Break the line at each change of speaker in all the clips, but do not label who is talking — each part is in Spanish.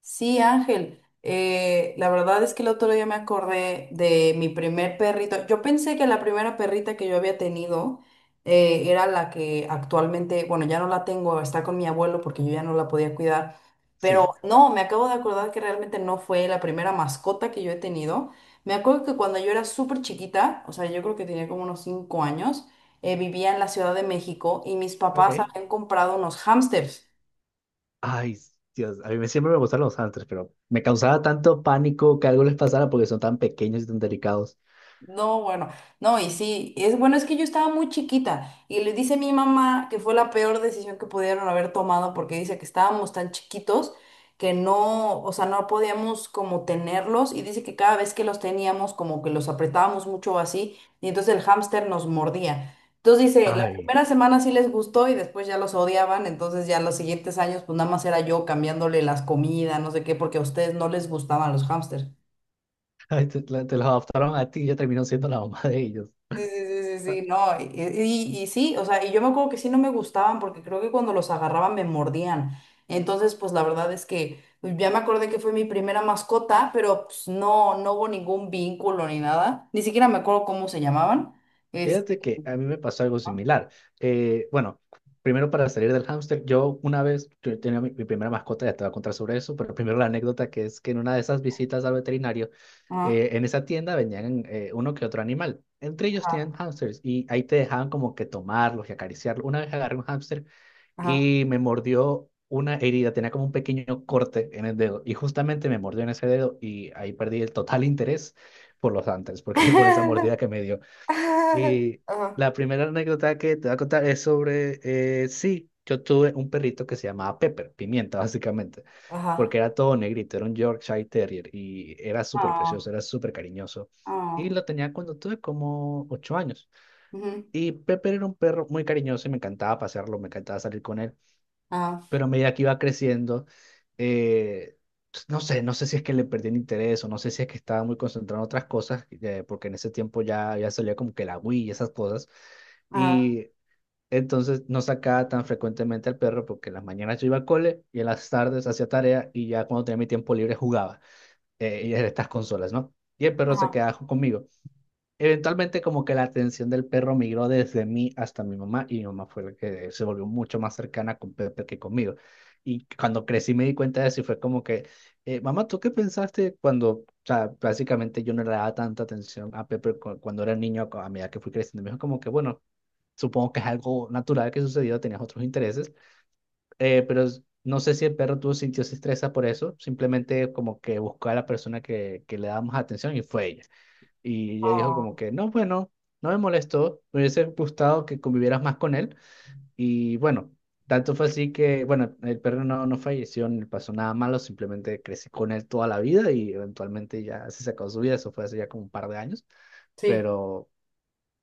Sí, Ángel, la verdad es que el otro día me acordé de mi primer perrito. Yo pensé que la primera perrita que yo había tenido era la que actualmente, bueno, ya no la tengo, está con mi abuelo porque yo ya no la podía cuidar.
Sí,
Pero no, me acabo de acordar que realmente no fue la primera mascota que yo he tenido. Me acuerdo que cuando yo era súper chiquita, o sea, yo creo que tenía como unos 5 años, vivía en la Ciudad de México y mis papás
ok.
habían comprado unos hámsters.
Ay, Dios, siempre me gustan los ángeles, pero me causaba tanto pánico que algo les pasara porque son tan pequeños y tan delicados.
No, bueno, no, y sí, es bueno, es que yo estaba muy chiquita y le dice mi mamá que fue la peor decisión que pudieron haber tomado porque dice que estábamos tan chiquitos que no, o sea, no podíamos como tenerlos y dice que cada vez que los teníamos como que los apretábamos mucho así y entonces el hámster nos mordía. Entonces dice, la
Ay,
primera semana sí les gustó y después ya los odiaban, entonces ya los siguientes años pues nada más era yo cambiándole las comidas, no sé qué, porque a ustedes no les gustaban los hámsters.
ay, te los adoptaron a ti y ya terminó siendo la mamá de ellos.
Sí, sí, sí, sí, sí, no, y, y sí, o sea, y yo me acuerdo que sí no me gustaban porque creo que cuando los agarraban me mordían. Entonces, pues la verdad es que pues, ya me acordé que fue mi primera mascota, pero pues no, no hubo ningún vínculo ni nada. Ni siquiera me acuerdo cómo se llamaban. Este,
Fíjate que a mí me pasó algo similar. Bueno, primero para salir del hámster, yo tenía mi primera mascota, ya te voy a contar sobre eso, pero primero la anécdota, que es que en una de esas visitas al veterinario,
ajá,
en esa tienda venían uno que otro animal. Entre ellos
ajá,
tenían hámsters y ahí te dejaban como que tomarlos y acariciarlos. Una vez agarré un hámster
ajá.
y me mordió. Una herida, tenía como un pequeño corte en el dedo y justamente me mordió en ese dedo y ahí perdí el total interés por los hámsters, porque por esa mordida que me dio. Y
Ajá,
la primera anécdota que te voy a contar es sobre, sí, yo tuve un perrito que se llamaba Pepper, pimienta básicamente,
ajá,
porque era todo negrito, era un Yorkshire Terrier y era súper
ah,
precioso, era súper cariñoso. Y
ah,
lo tenía cuando tuve como ocho años.
ujú,
Y Pepper era un perro muy cariñoso y me encantaba pasearlo, me encantaba salir con él,
ajá,
pero a medida que iba creciendo, eh, pues, no sé, no sé si es que le perdí el interés o no sé si es que estaba muy concentrado en otras cosas, porque en ese tiempo ya salía como que la Wii y esas cosas
ajá,
y entonces no sacaba tan frecuentemente al perro, porque en las mañanas yo iba al cole y en las tardes hacía tarea y ya cuando tenía mi tiempo libre jugaba y en estas consolas, ¿no? Y el perro se
ajá,
quedaba conmigo. Eventualmente, como que la atención del perro migró desde mí hasta mi mamá, y mi mamá fue la que se volvió mucho más cercana con Pepe que conmigo. Y cuando crecí me di cuenta de eso y fue como que, mamá, ¿tú qué pensaste cuando, o sea, básicamente yo no le daba tanta atención a Pepe cuando era niño, a medida que fui creciendo? Me dijo como que, bueno, supongo que es algo natural que sucedió, tenías otros intereses, pero no sé si el perro tuvo sintió se estresa por eso, simplemente como que buscó a la persona que le daba más atención, y fue ella. Y ella dijo
ah,
como que, no, bueno, no me molestó, me hubiese gustado que convivieras más con él. Y bueno, tanto fue así que, bueno, el perro no, no falleció, ni le pasó nada malo, simplemente crecí con él toda la vida y eventualmente ya se sacó su vida, eso fue hace ya como un par de años,
sí,
pero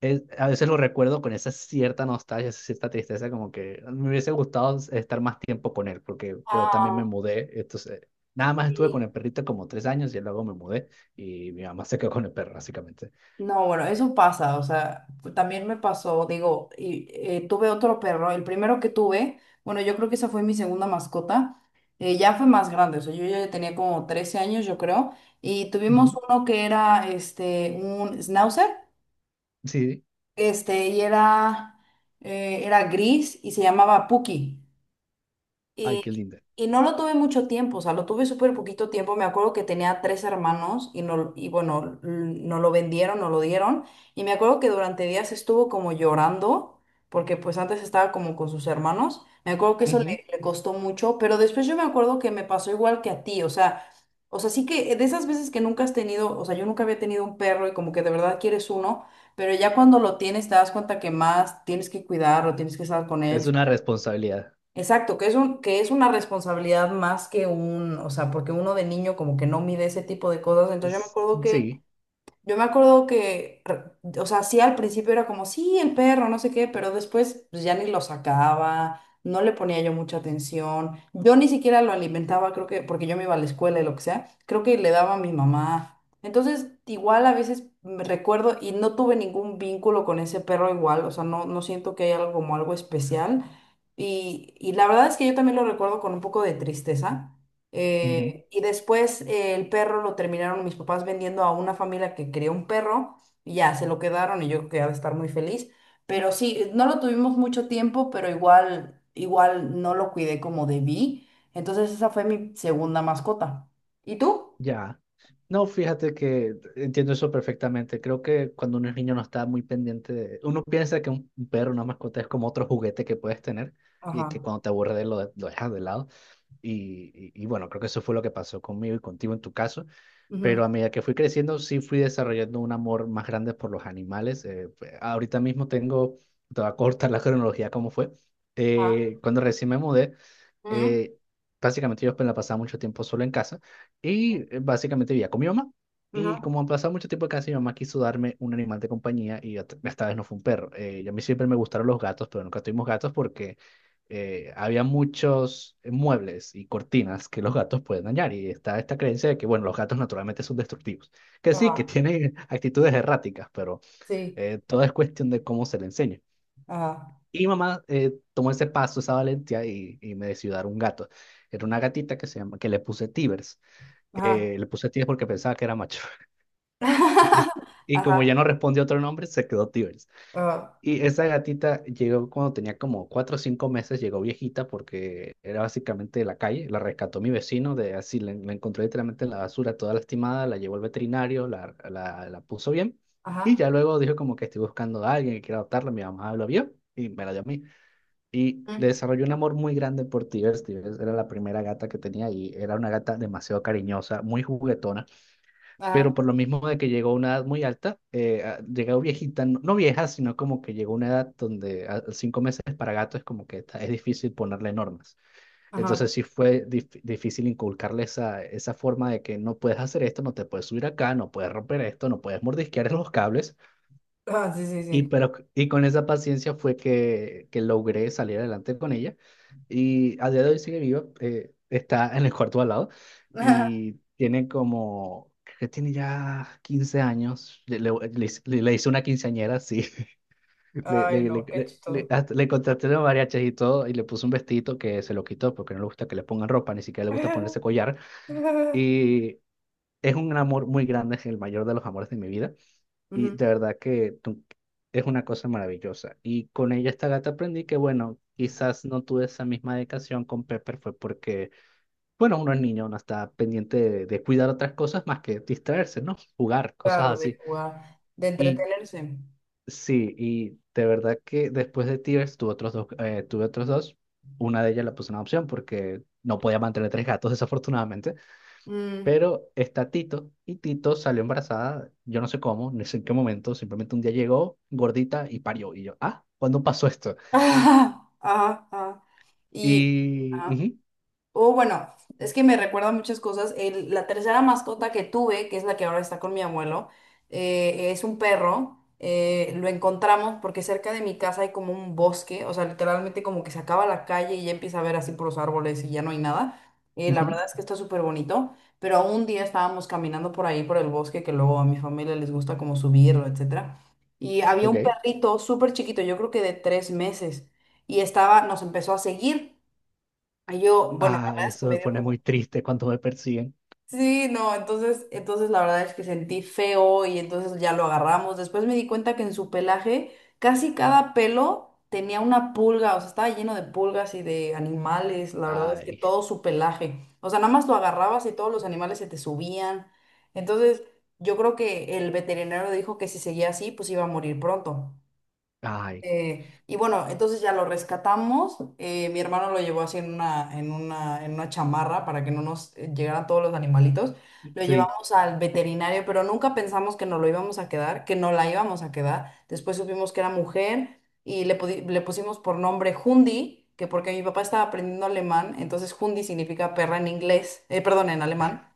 a veces lo recuerdo con esa cierta nostalgia, esa cierta tristeza, como que me hubiese gustado estar más tiempo con él, porque yo también me
ah,
mudé, entonces nada más estuve
sí.
con el perrito como tres años y luego me mudé y mi mamá se quedó con el perro, básicamente.
No, bueno, eso pasa, o sea, también me pasó, digo, y, tuve otro perro, el primero que tuve, bueno, yo creo que esa fue mi segunda mascota, ya fue más grande, o sea, yo ya tenía como 13 años, yo creo, y tuvimos
Ujú.
uno que era, este, un schnauzer,
Sí,
este, y era, era gris y se llamaba Puki.
ay, qué
Y,
linda.
y no lo tuve mucho tiempo, o sea, lo tuve súper poquito tiempo. Me acuerdo que tenía 3 hermanos y, no, y bueno, no lo vendieron, no lo dieron. Y me acuerdo que durante días estuvo como llorando, porque pues antes estaba como con sus hermanos. Me acuerdo que eso
Ujú.
le, le costó mucho, pero después yo me acuerdo que me pasó igual que a ti, o sea, sí que de esas veces que nunca has tenido, o sea, yo nunca había tenido un perro y como que de verdad quieres uno, pero ya cuando lo tienes te das cuenta que más tienes que cuidarlo, tienes que estar con
Es
él.
una responsabilidad.
Exacto, que es un, que es una responsabilidad más que un, o sea, porque uno de niño como que no mide ese tipo de cosas. Entonces yo me
S-
acuerdo que
Sí.
yo me acuerdo que, re- o sea, sí al principio era como, sí, el perro, no sé qué, pero después pues, ya ni lo sacaba, no le ponía yo mucha atención, yo ni siquiera lo alimentaba, creo que, porque yo me iba a la escuela y lo que sea, creo que le daba a mi mamá. Entonces, igual a veces me recuerdo y no tuve ningún vínculo con ese perro igual, o sea, no, no siento que haya algo como algo especial. Y la verdad es que yo también lo recuerdo con un poco de tristeza
Ujú.
y después el perro lo terminaron mis papás vendiendo a una familia que quería un perro y ya se lo quedaron y yo creo que ha de estar muy feliz. Pero sí, no lo tuvimos mucho tiempo, pero igual, igual no lo cuidé como debí. Entonces esa fue mi segunda mascota. ¿Y tú?
Ya. No, fíjate que entiendo eso perfectamente. Creo que cuando uno es niño no está muy pendiente de... Uno piensa que un perro, una mascota es como otro juguete que puedes tener, y que
Ajá.
cuando te aburre de él lo dejas de lado. Y bueno, creo que eso fue lo que pasó conmigo y contigo en tu caso.
Ujú.
Pero a medida que fui creciendo, sí fui desarrollando un amor más grande por los animales. Pues, ahorita mismo tengo, te voy a cortar la cronología como fue.
Ah.
Cuando recién me mudé,
Ujú,
eh, básicamente yo pues, la pasaba mucho tiempo solo en casa, y básicamente vivía con mi mamá.
ujú,
Y como pasaba mucho tiempo en casa, mi mamá quiso darme un animal de compañía, y esta vez no fue un perro. Y a mí siempre me gustaron los gatos, pero nunca tuvimos gatos porque había muchos muebles y cortinas que los gatos pueden dañar. Y está esta creencia de que, bueno, los gatos naturalmente son destructivos. Que sí,
ajá.
que tienen actitudes erráticas, pero
Sí.
todo es cuestión de cómo se le enseña.
Ajá.
Y mamá tomó ese paso, esa valentía, y me decidió dar un gato. Era una gatita que que le puse Tibers.
Ajá.
Le puse Tibers porque pensaba que era macho. Y como ya
Ajá.
no respondió otro nombre, se quedó Tibers.
Ajá.
Y esa gatita llegó cuando tenía como cuatro o cinco meses, llegó viejita porque era básicamente de la calle. La rescató mi vecino, de así la encontró literalmente en la basura, toda lastimada, la llevó al veterinario, la puso bien. Y
Ajá.
ya luego dijo como que estoy buscando a alguien que quiera adoptarla. Mi mamá lo vio y me la dio a mí. Y le
Mm,
desarrollé un amor muy grande por Tigers. Tigers era la primera gata que tenía y era una gata demasiado cariñosa, muy juguetona,
ajá.
pero por lo mismo de que llegó a una edad muy alta, llegó viejita, no, no vieja, sino como que llegó a una edad donde cinco meses para gato es como que es difícil ponerle normas. Entonces
Ajá.
sí fue difícil inculcarle esa forma de que no puedes hacer esto, no te puedes subir acá, no puedes romper esto, no puedes mordisquear los cables.
Ah, sí, sí,
Y,
sí.
pero, y con esa paciencia fue que logré salir adelante con ella. Y a día de hoy sigue viva, está en el cuarto al lado y tiene como, creo que tiene ya 15 años. Le hice una quinceañera, sí.
Ay, no, qué chistoso.
Hasta le contraté los mariachis y todo y le puse un vestidito que se lo quitó porque no le gusta que le pongan ropa, ni siquiera le gusta ponerse collar. Y es un amor muy grande, es el mayor de los amores de mi vida. Y
Ujú.
de verdad que es una cosa maravillosa. Y con ella, esta gata, aprendí que, bueno, quizás no tuve esa misma dedicación con Pepper, fue porque, bueno, uno es niño, uno está pendiente de cuidar otras cosas más que distraerse, ¿no? Jugar, cosas
Claro, de
así.
jugar, de
Y
entretenerse.
sí, y de verdad que después de Tears tuve otros dos, tuve otros dos. Una de ellas la puse en adopción porque no podía mantener tres gatos, desafortunadamente.
Mm.
Pero está Tito, y Tito salió embarazada, yo no sé cómo, no sé en qué momento, simplemente un día llegó gordita y parió. Y yo, ah, ¿cuándo pasó esto?
Ajá, ajá. Y,
Y,
ah,
ujú,
o bueno, es que me recuerda muchas cosas. La tercera mascota que tuve, que es la que ahora está con mi abuelo, es un perro. Lo encontramos porque cerca de mi casa hay como un bosque, o sea, literalmente como que se acaba la calle y ya empieza a ver así por los árboles y ya no hay nada. La
ujú,
verdad es que está súper bonito, pero un día estábamos caminando por ahí, por el bosque, que luego a mi familia les gusta como subirlo, etcétera. Y había un
ok.
perrito súper chiquito, yo creo que de 3 meses, y estaba, nos empezó a seguir. Ay, yo, bueno, la verdad
Ay,
es que
eso me
me dio...
pone
mu-
muy triste cuando me persiguen.
Sí, no, entonces, entonces la verdad es que sentí feo y entonces ya lo agarramos. Después me di cuenta que en su pelaje casi cada pelo tenía una pulga, o sea, estaba lleno de pulgas y de animales, la verdad es que
Ay,
todo su pelaje. O sea, nada más lo agarrabas y todos los animales se te subían. Entonces, yo creo que el veterinario dijo que si seguía así, pues iba a morir pronto.
ay,
Y bueno, entonces ya lo rescatamos. Eh, mi hermano lo llevó así en una, en una chamarra para que no nos llegaran todos los animalitos. Lo
sí,
llevamos al veterinario, pero nunca pensamos que nos lo íbamos a quedar, que no la íbamos a quedar. Después supimos que era mujer y le, le pusimos por nombre Hundi, que porque mi papá estaba aprendiendo alemán, entonces Hundi significa perra en inglés, perdón, en alemán.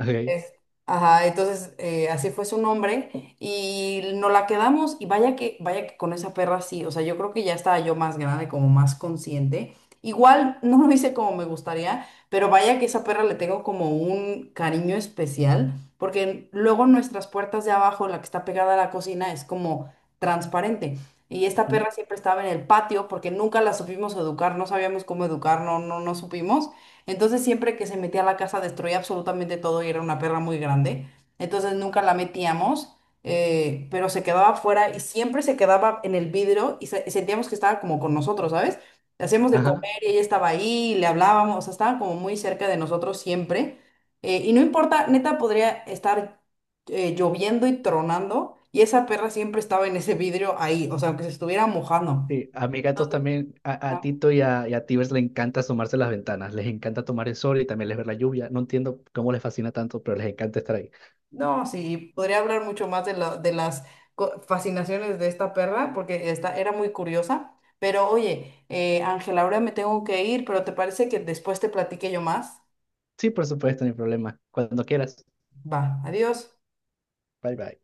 ok.
Es- ajá, entonces así fue su nombre y nos la quedamos y vaya que con esa perra sí, o sea, yo creo que ya estaba yo más grande, como más consciente. Igual no lo hice como me gustaría, pero vaya que esa perra le tengo como un cariño especial, porque luego nuestras puertas de abajo, la que está pegada a la cocina, es como transparente. Y esta
Ujú.
perra siempre estaba en el patio porque nunca la supimos educar, no sabíamos cómo educar, no, no, no supimos. Entonces siempre que se metía a la casa destruía absolutamente todo y era una perra muy grande. Entonces nunca la metíamos, pero se quedaba afuera y siempre se quedaba en el vidrio y sentíamos que estaba como con nosotros, ¿sabes? Le hacíamos de
Ajá.
comer y ella estaba ahí, y le hablábamos, o sea, estaba como muy cerca de nosotros siempre. Y no importa, neta podría estar lloviendo y tronando y esa perra siempre estaba en ese vidrio ahí, o sea, aunque se estuviera mojando.
Sí, a mis gatos también, a Tito y a Tibers le encanta asomarse a las ventanas, les encanta tomar el sol y también les ver la lluvia. No entiendo cómo les fascina tanto, pero les encanta estar ahí.
No, sí, podría hablar mucho más de, de las fascinaciones de esta perra, porque esta era muy curiosa. Pero oye, Ángela, ahora me tengo que ir, pero ¿te parece que después te platique yo más?
Sí, por supuesto, no hay problema. Cuando quieras.
Va, adiós.
Bye bye.